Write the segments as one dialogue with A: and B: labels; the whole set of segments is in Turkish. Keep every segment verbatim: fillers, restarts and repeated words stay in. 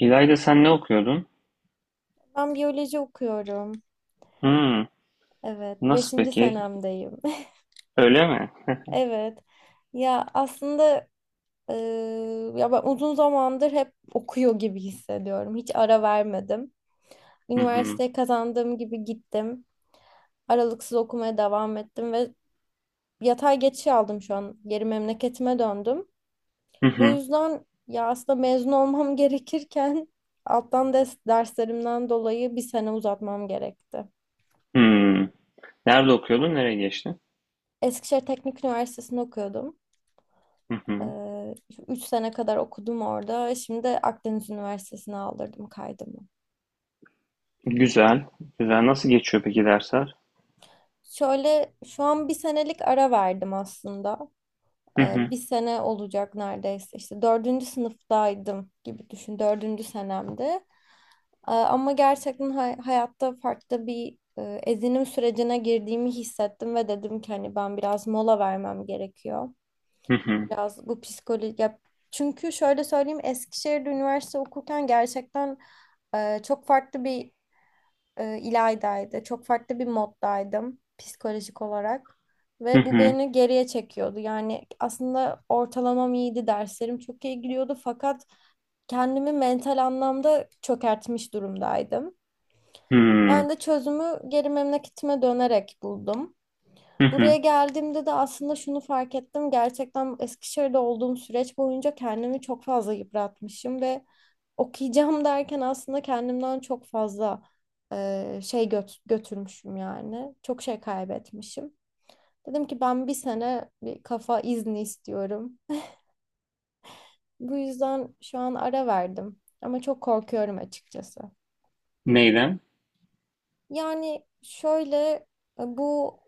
A: İlayda sen ne okuyordun?
B: Ben biyoloji okuyorum.
A: Hımm.
B: Evet,
A: Nasıl
B: beşinci
A: peki?
B: senemdeyim.
A: Öyle mi?
B: Evet. Ya aslında e, ya ben uzun zamandır hep okuyor gibi hissediyorum. Hiç ara vermedim.
A: Hı hı.
B: Üniversiteye kazandığım gibi gittim. Aralıksız okumaya devam ettim ve yatay geçiş aldım şu an. Geri memleketime döndüm.
A: Hı
B: Bu
A: hı.
B: yüzden ya aslında mezun olmam gerekirken alttan ders, derslerimden dolayı bir sene uzatmam gerekti.
A: Hımm. Nerede okuyordun? Nereye geçtin?
B: Eskişehir Teknik Üniversitesi'nde okuyordum.
A: Hı hı.
B: Ee, Üç sene kadar okudum orada. Şimdi Akdeniz Üniversitesi'ne aldırdım kaydımı.
A: Güzel, güzel. Nasıl geçiyor peki dersler?
B: Şöyle şu an bir senelik ara verdim aslında.
A: Hı
B: Ee,
A: hı.
B: bir sene olacak neredeyse. İşte dördüncü sınıftaydım gibi düşün. Dördüncü senemdi. Ee, ama gerçekten hay- hayatta farklı bir e, ezinim sürecine girdiğimi hissettim ve dedim ki hani ben biraz mola vermem gerekiyor.
A: Hı hı.
B: Biraz bu psikoloji ya çünkü şöyle söyleyeyim Eskişehir'de üniversite okurken gerçekten e, çok farklı bir e, ilaydaydı. Çok farklı bir moddaydım psikolojik olarak
A: Hı
B: ve bu
A: hı.
B: beni geriye çekiyordu. Yani aslında ortalamam iyiydi, derslerim çok iyi gidiyordu fakat kendimi mental anlamda çökertmiş durumdaydım. Ben
A: Hımm.
B: de çözümü geri memleketime dönerek buldum.
A: Hı
B: Buraya
A: hı.
B: geldiğimde de aslında şunu fark ettim. Gerçekten Eskişehir'de olduğum süreç boyunca kendimi çok fazla yıpratmışım ve okuyacağım derken aslında kendimden çok fazla e, şey göt- götürmüşüm yani. Çok şey kaybetmişim. Dedim ki ben bir sene bir kafa izni istiyorum. Bu yüzden şu an ara verdim ama çok korkuyorum açıkçası.
A: Neyden?
B: Yani şöyle e, bu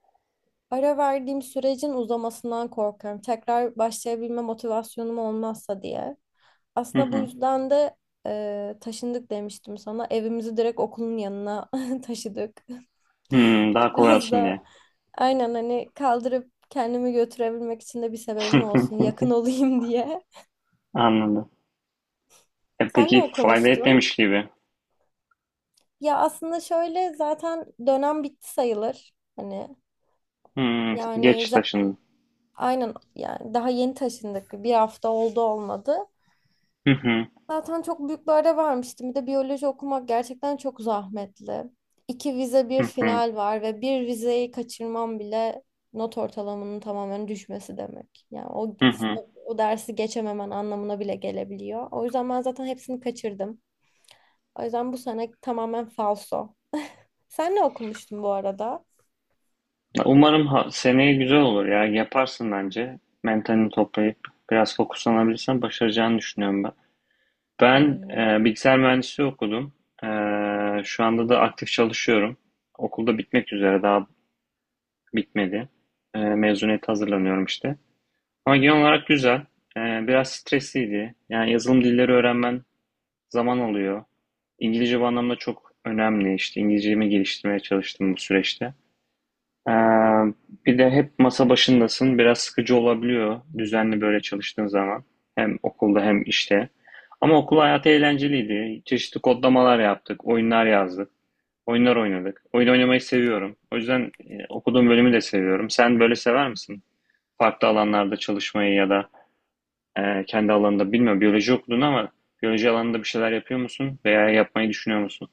B: ara verdiğim sürecin uzamasından korkuyorum. Tekrar başlayabilme motivasyonum olmazsa diye.
A: Hı
B: Aslında bu
A: hı.
B: yüzden de e, taşındık demiştim sana. Evimizi direkt okulun yanına taşıdık.
A: Hımm. Daha kolay
B: Biraz
A: olsun diye.
B: da aynen hani kaldırıp kendimi götürebilmek için de bir sebebim olsun. Yakın olayım diye.
A: Anladım. E,
B: Sen ne
A: peki fayda
B: okumuştun?
A: etmemiş gibi.
B: Ya aslında şöyle zaten dönem bitti sayılır. Hani
A: Hımm.
B: yani
A: Geç
B: za-
A: taşındın.
B: aynen yani daha yeni taşındık. Bir hafta oldu olmadı.
A: Hı hı.
B: Zaten çok büyük bir ara vermiştim. Bir de biyoloji okumak gerçekten çok zahmetli. İki vize bir
A: Hı hı.
B: final var ve bir vizeyi kaçırmam bile not ortalamanın tamamen düşmesi demek. Yani o,
A: Hı hı.
B: o dersi geçememen anlamına bile gelebiliyor. O yüzden ben zaten hepsini kaçırdım. O yüzden bu sene tamamen falso. Sen ne okumuştun bu arada?
A: Ya umarım ha- seneye güzel olur ya. Yaparsın bence. Mentalini toplayıp biraz fokuslanabilirsen başaracağını düşünüyorum ben. Ben
B: Umarım.
A: e, bilgisayar mühendisliği okudum. E, Şu anda da aktif çalışıyorum. Okulda bitmek üzere daha bitmedi. E, mezuniyete hazırlanıyorum işte. Ama genel olarak güzel. E, biraz stresliydi. Yani yazılım dilleri öğrenmen zaman alıyor. İngilizce bu anlamda çok önemli. İşte İngilizcemi geliştirmeye çalıştım bu süreçte. Ee, Bir de hep masa başındasın. Biraz sıkıcı olabiliyor düzenli böyle çalıştığın zaman. Hem okulda hem işte. Ama okul hayatı eğlenceliydi. Çeşitli kodlamalar yaptık, oyunlar yazdık, oyunlar oynadık. Oyun oynamayı seviyorum. O yüzden e, okuduğum bölümü de seviyorum. Sen böyle sever misin? Farklı alanlarda çalışmayı ya da e, kendi alanında bilmiyorum. Biyoloji okudun ama biyoloji alanında bir şeyler yapıyor musun veya yapmayı düşünüyor musun?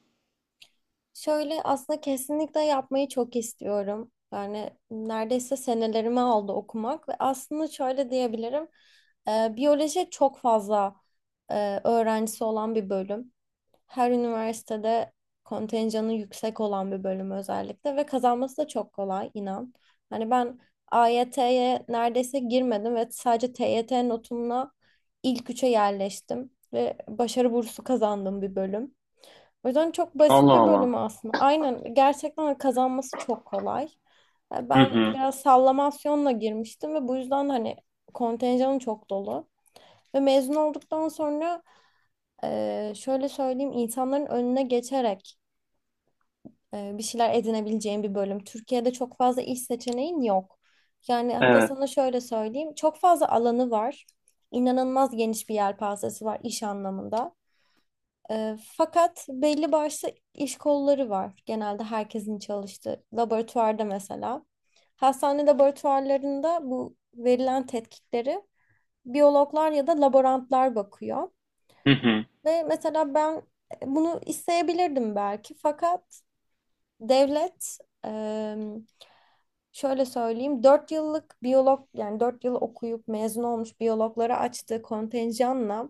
B: Şöyle aslında kesinlikle yapmayı çok istiyorum. Yani neredeyse senelerimi aldı okumak ve aslında şöyle diyebilirim. E, biyoloji çok fazla e, öğrencisi olan bir bölüm. Her üniversitede kontenjanı yüksek olan bir bölüm özellikle ve kazanması da çok kolay inan. Hani ben A Y T'ye neredeyse girmedim ve sadece T Y T notumla ilk üçe yerleştim ve başarı bursu kazandığım bir bölüm. O yüzden çok basit
A: Allah
B: bir
A: Allah.
B: bölümü aslında. Aynen gerçekten kazanması çok kolay. E,
A: Hı
B: Ben
A: hı.
B: biraz sallamasyonla girmiştim ve bu yüzden hani kontenjanım çok dolu. Ve mezun olduktan sonra e, şöyle söyleyeyim insanların önüne geçerek e, bir şeyler edinebileceğin bir bölüm. Türkiye'de çok fazla iş seçeneğin yok. Yani hatta
A: Evet.
B: sana şöyle söyleyeyim çok fazla alanı var. İnanılmaz geniş bir yelpazesi var iş anlamında. Ee, fakat belli başlı iş kolları var. Genelde herkesin çalıştığı laboratuvarda mesela. Hastane laboratuvarlarında bu verilen tetkikleri biyologlar ya da laborantlar bakıyor.
A: Hı hı.
B: Ve mesela ben bunu isteyebilirdim belki fakat devlet e, şöyle söyleyeyim dört yıllık biyolog yani dört yıl okuyup mezun olmuş biyologlara açtığı kontenjanla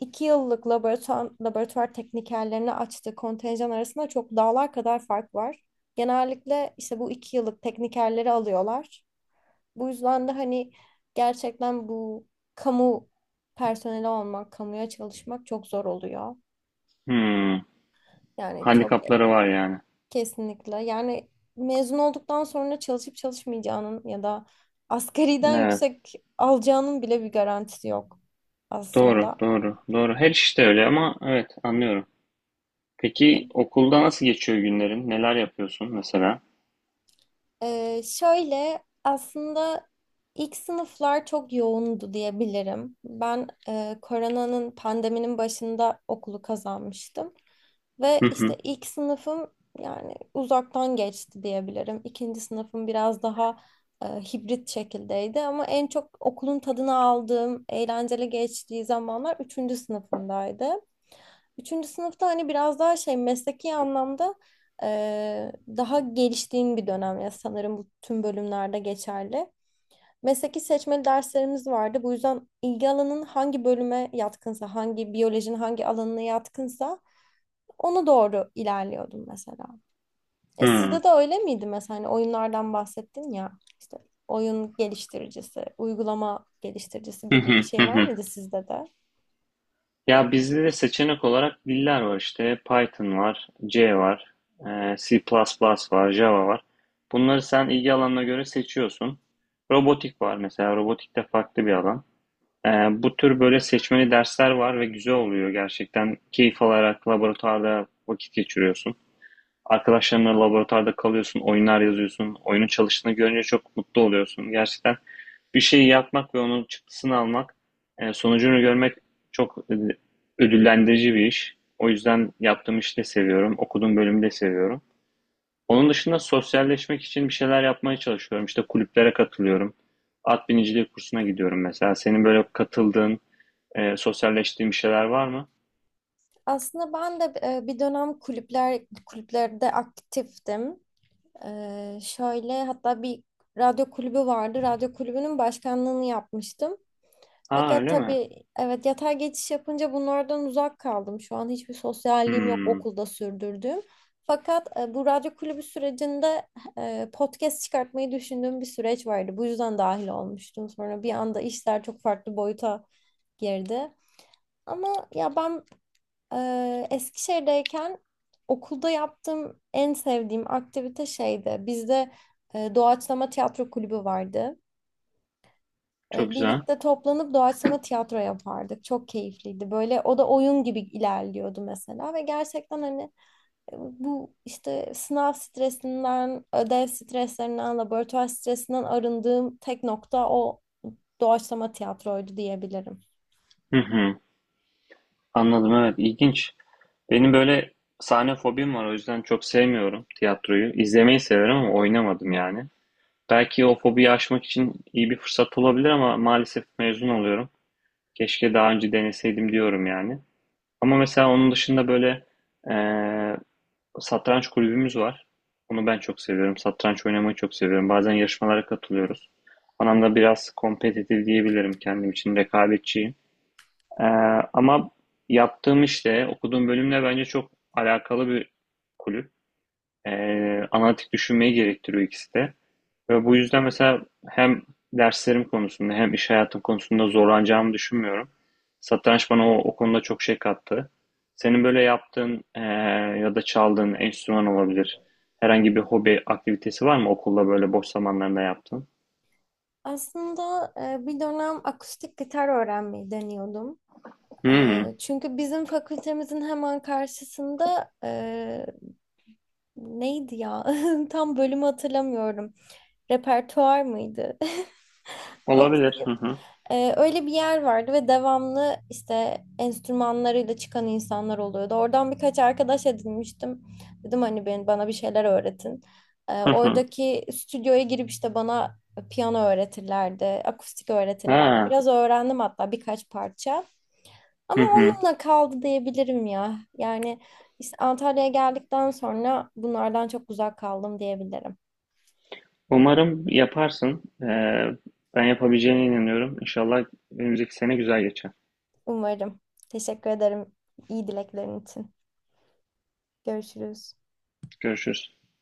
B: İki yıllık laboratuvar, laboratuvar teknikerlerini açtığı kontenjan arasında çok dağlar kadar fark var. Genellikle işte bu iki yıllık teknikerleri alıyorlar. Bu yüzden de hani gerçekten bu kamu personeli olmak, kamuya çalışmak çok zor oluyor.
A: Hmm.
B: Yani çok e-
A: Handikapları var yani.
B: kesinlikle. Yani mezun olduktan sonra çalışıp çalışmayacağının ya da asgariden
A: Evet.
B: yüksek alacağının bile bir garantisi yok
A: Doğru,
B: aslında.
A: doğru, doğru. Her işte öyle ama evet anlıyorum. Peki okulda nasıl geçiyor günlerin? Neler yapıyorsun mesela?
B: Ee, şöyle aslında ilk sınıflar çok yoğundu diyebilirim. Ben e, koronanın pandeminin başında okulu kazanmıştım. Ve
A: Hı hı.
B: işte ilk sınıfım yani uzaktan geçti diyebilirim. İkinci sınıfım biraz daha e, hibrit şekildeydi ama en çok okulun tadını aldığım, eğlenceli geçtiği zamanlar üçüncü sınıfımdaydı. Üçüncü sınıfta hani biraz daha şey mesleki anlamda eee, daha geliştiğin bir dönem ya sanırım bu tüm bölümlerde geçerli. Mesleki seçmeli derslerimiz vardı. Bu yüzden ilgi alanın hangi bölüme yatkınsa, hangi biyolojinin hangi alanına yatkınsa ona doğru ilerliyordum mesela. E
A: Hı.
B: sizde de öyle miydi mesela hani oyunlardan bahsettin ya işte oyun geliştiricisi, uygulama geliştiricisi
A: Hı
B: gibi
A: hı,
B: bir
A: hı
B: şey var
A: hı.
B: mıydı sizde de?
A: Ya bizde de seçenek olarak diller var işte. Python var, C var, e, C++ var, Java var. Bunları sen ilgi alanına göre seçiyorsun. Robotik var mesela. Robotik de farklı bir alan. E, Bu tür böyle seçmeli dersler var ve güzel oluyor gerçekten. Keyif alarak laboratuvarda vakit geçiriyorsun. Arkadaşlarınla laboratuvarda kalıyorsun, oyunlar yazıyorsun. Oyunun çalıştığını görünce çok mutlu oluyorsun. Gerçekten bir şeyi yapmak ve onun çıktısını almak, e, sonucunu görmek çok e, ödüllendirici bir iş. O yüzden yaptığım işi de seviyorum, okuduğum bölümü de seviyorum. Onun dışında sosyalleşmek için bir şeyler yapmaya çalışıyorum. İşte kulüplere katılıyorum. At biniciliği kursuna gidiyorum mesela. Senin böyle katıldığın, e, sosyalleştiğin bir şeyler var mı?
B: Aslında ben de e, bir dönem kulüpler kulüplerde aktiftim. E, şöyle hatta bir radyo kulübü vardı. Radyo kulübünün başkanlığını yapmıştım.
A: Aa
B: Fakat
A: öyle mi?
B: tabii evet yatay geçiş yapınca bunlardan uzak kaldım. Şu an hiçbir sosyalliğim yok
A: Hmm,
B: okulda sürdürdüğüm. Fakat e, bu radyo kulübü sürecinde e, podcast çıkartmayı düşündüğüm bir süreç vardı. Bu yüzden dahil olmuştum. Sonra bir anda işler çok farklı boyuta girdi. Ama ya ben ee, Eskişehir'deyken okulda yaptığım en sevdiğim aktivite şeydi. Bizde e, doğaçlama tiyatro kulübü vardı.
A: çok
B: E,
A: güzel.
B: birlikte toplanıp doğaçlama tiyatro yapardık. Çok keyifliydi. Böyle o da oyun gibi ilerliyordu mesela ve gerçekten hani e, bu işte sınav stresinden, ödev streslerinden, laboratuvar stresinden arındığım tek nokta o doğaçlama tiyatroydu diyebilirim.
A: Hı hı. Anladım, evet, ilginç. Benim böyle sahne fobim var, o yüzden çok sevmiyorum tiyatroyu. İzlemeyi severim ama oynamadım yani. Belki o fobiyi aşmak için iyi bir fırsat olabilir ama maalesef mezun oluyorum. Keşke daha önce deneseydim diyorum yani. Ama mesela onun dışında böyle eee, satranç kulübümüz var. Onu ben çok seviyorum. Satranç oynamayı çok seviyorum. Bazen yarışmalara katılıyoruz. Anlamda biraz kompetitif diyebilirim, kendim için rekabetçi. Ee, Ama yaptığım işte, okuduğum bölümle bence çok alakalı bir kulüp. Ee, analitik düşünmeyi gerektiriyor ikisi de. Ve bu yüzden mesela hem derslerim konusunda hem iş hayatım konusunda zorlanacağımı düşünmüyorum. Satranç bana o, o konuda çok şey kattı. Senin böyle yaptığın ee, ya da çaldığın enstrüman olabilir. Herhangi bir hobi aktivitesi var mı okulda böyle boş zamanlarında yaptığın?
B: Aslında e, bir dönem akustik gitar öğrenmeyi deniyordum. E,
A: Hmm,
B: Çünkü bizim fakültemizin hemen karşısında e, neydi ya? Tam bölümü hatırlamıyorum. Repertuar mıydı? O-
A: olabilir. Hı hı.
B: Ee, öyle bir yer vardı ve devamlı işte enstrümanlarıyla çıkan insanlar oluyordu. Oradan birkaç arkadaş edinmiştim. Dedim hani ben, bana bir şeyler öğretin. Ee,
A: Hı hı.
B: oradaki stüdyoya girip işte bana piyano öğretirlerdi, akustik öğretirlerdi.
A: Ha.
B: Biraz öğrendim hatta birkaç parça. Ama
A: Hı hı.
B: onunla kaldı diyebilirim ya. Yani işte Antalya'ya geldikten sonra bunlardan çok uzak kaldım diyebilirim.
A: Umarım yaparsın. Ee, ben yapabileceğine inanıyorum. İnşallah önümüzdeki sene güzel geçer.
B: Umarım. Teşekkür ederim iyi dileklerin için. Görüşürüz.
A: Görüşürüz.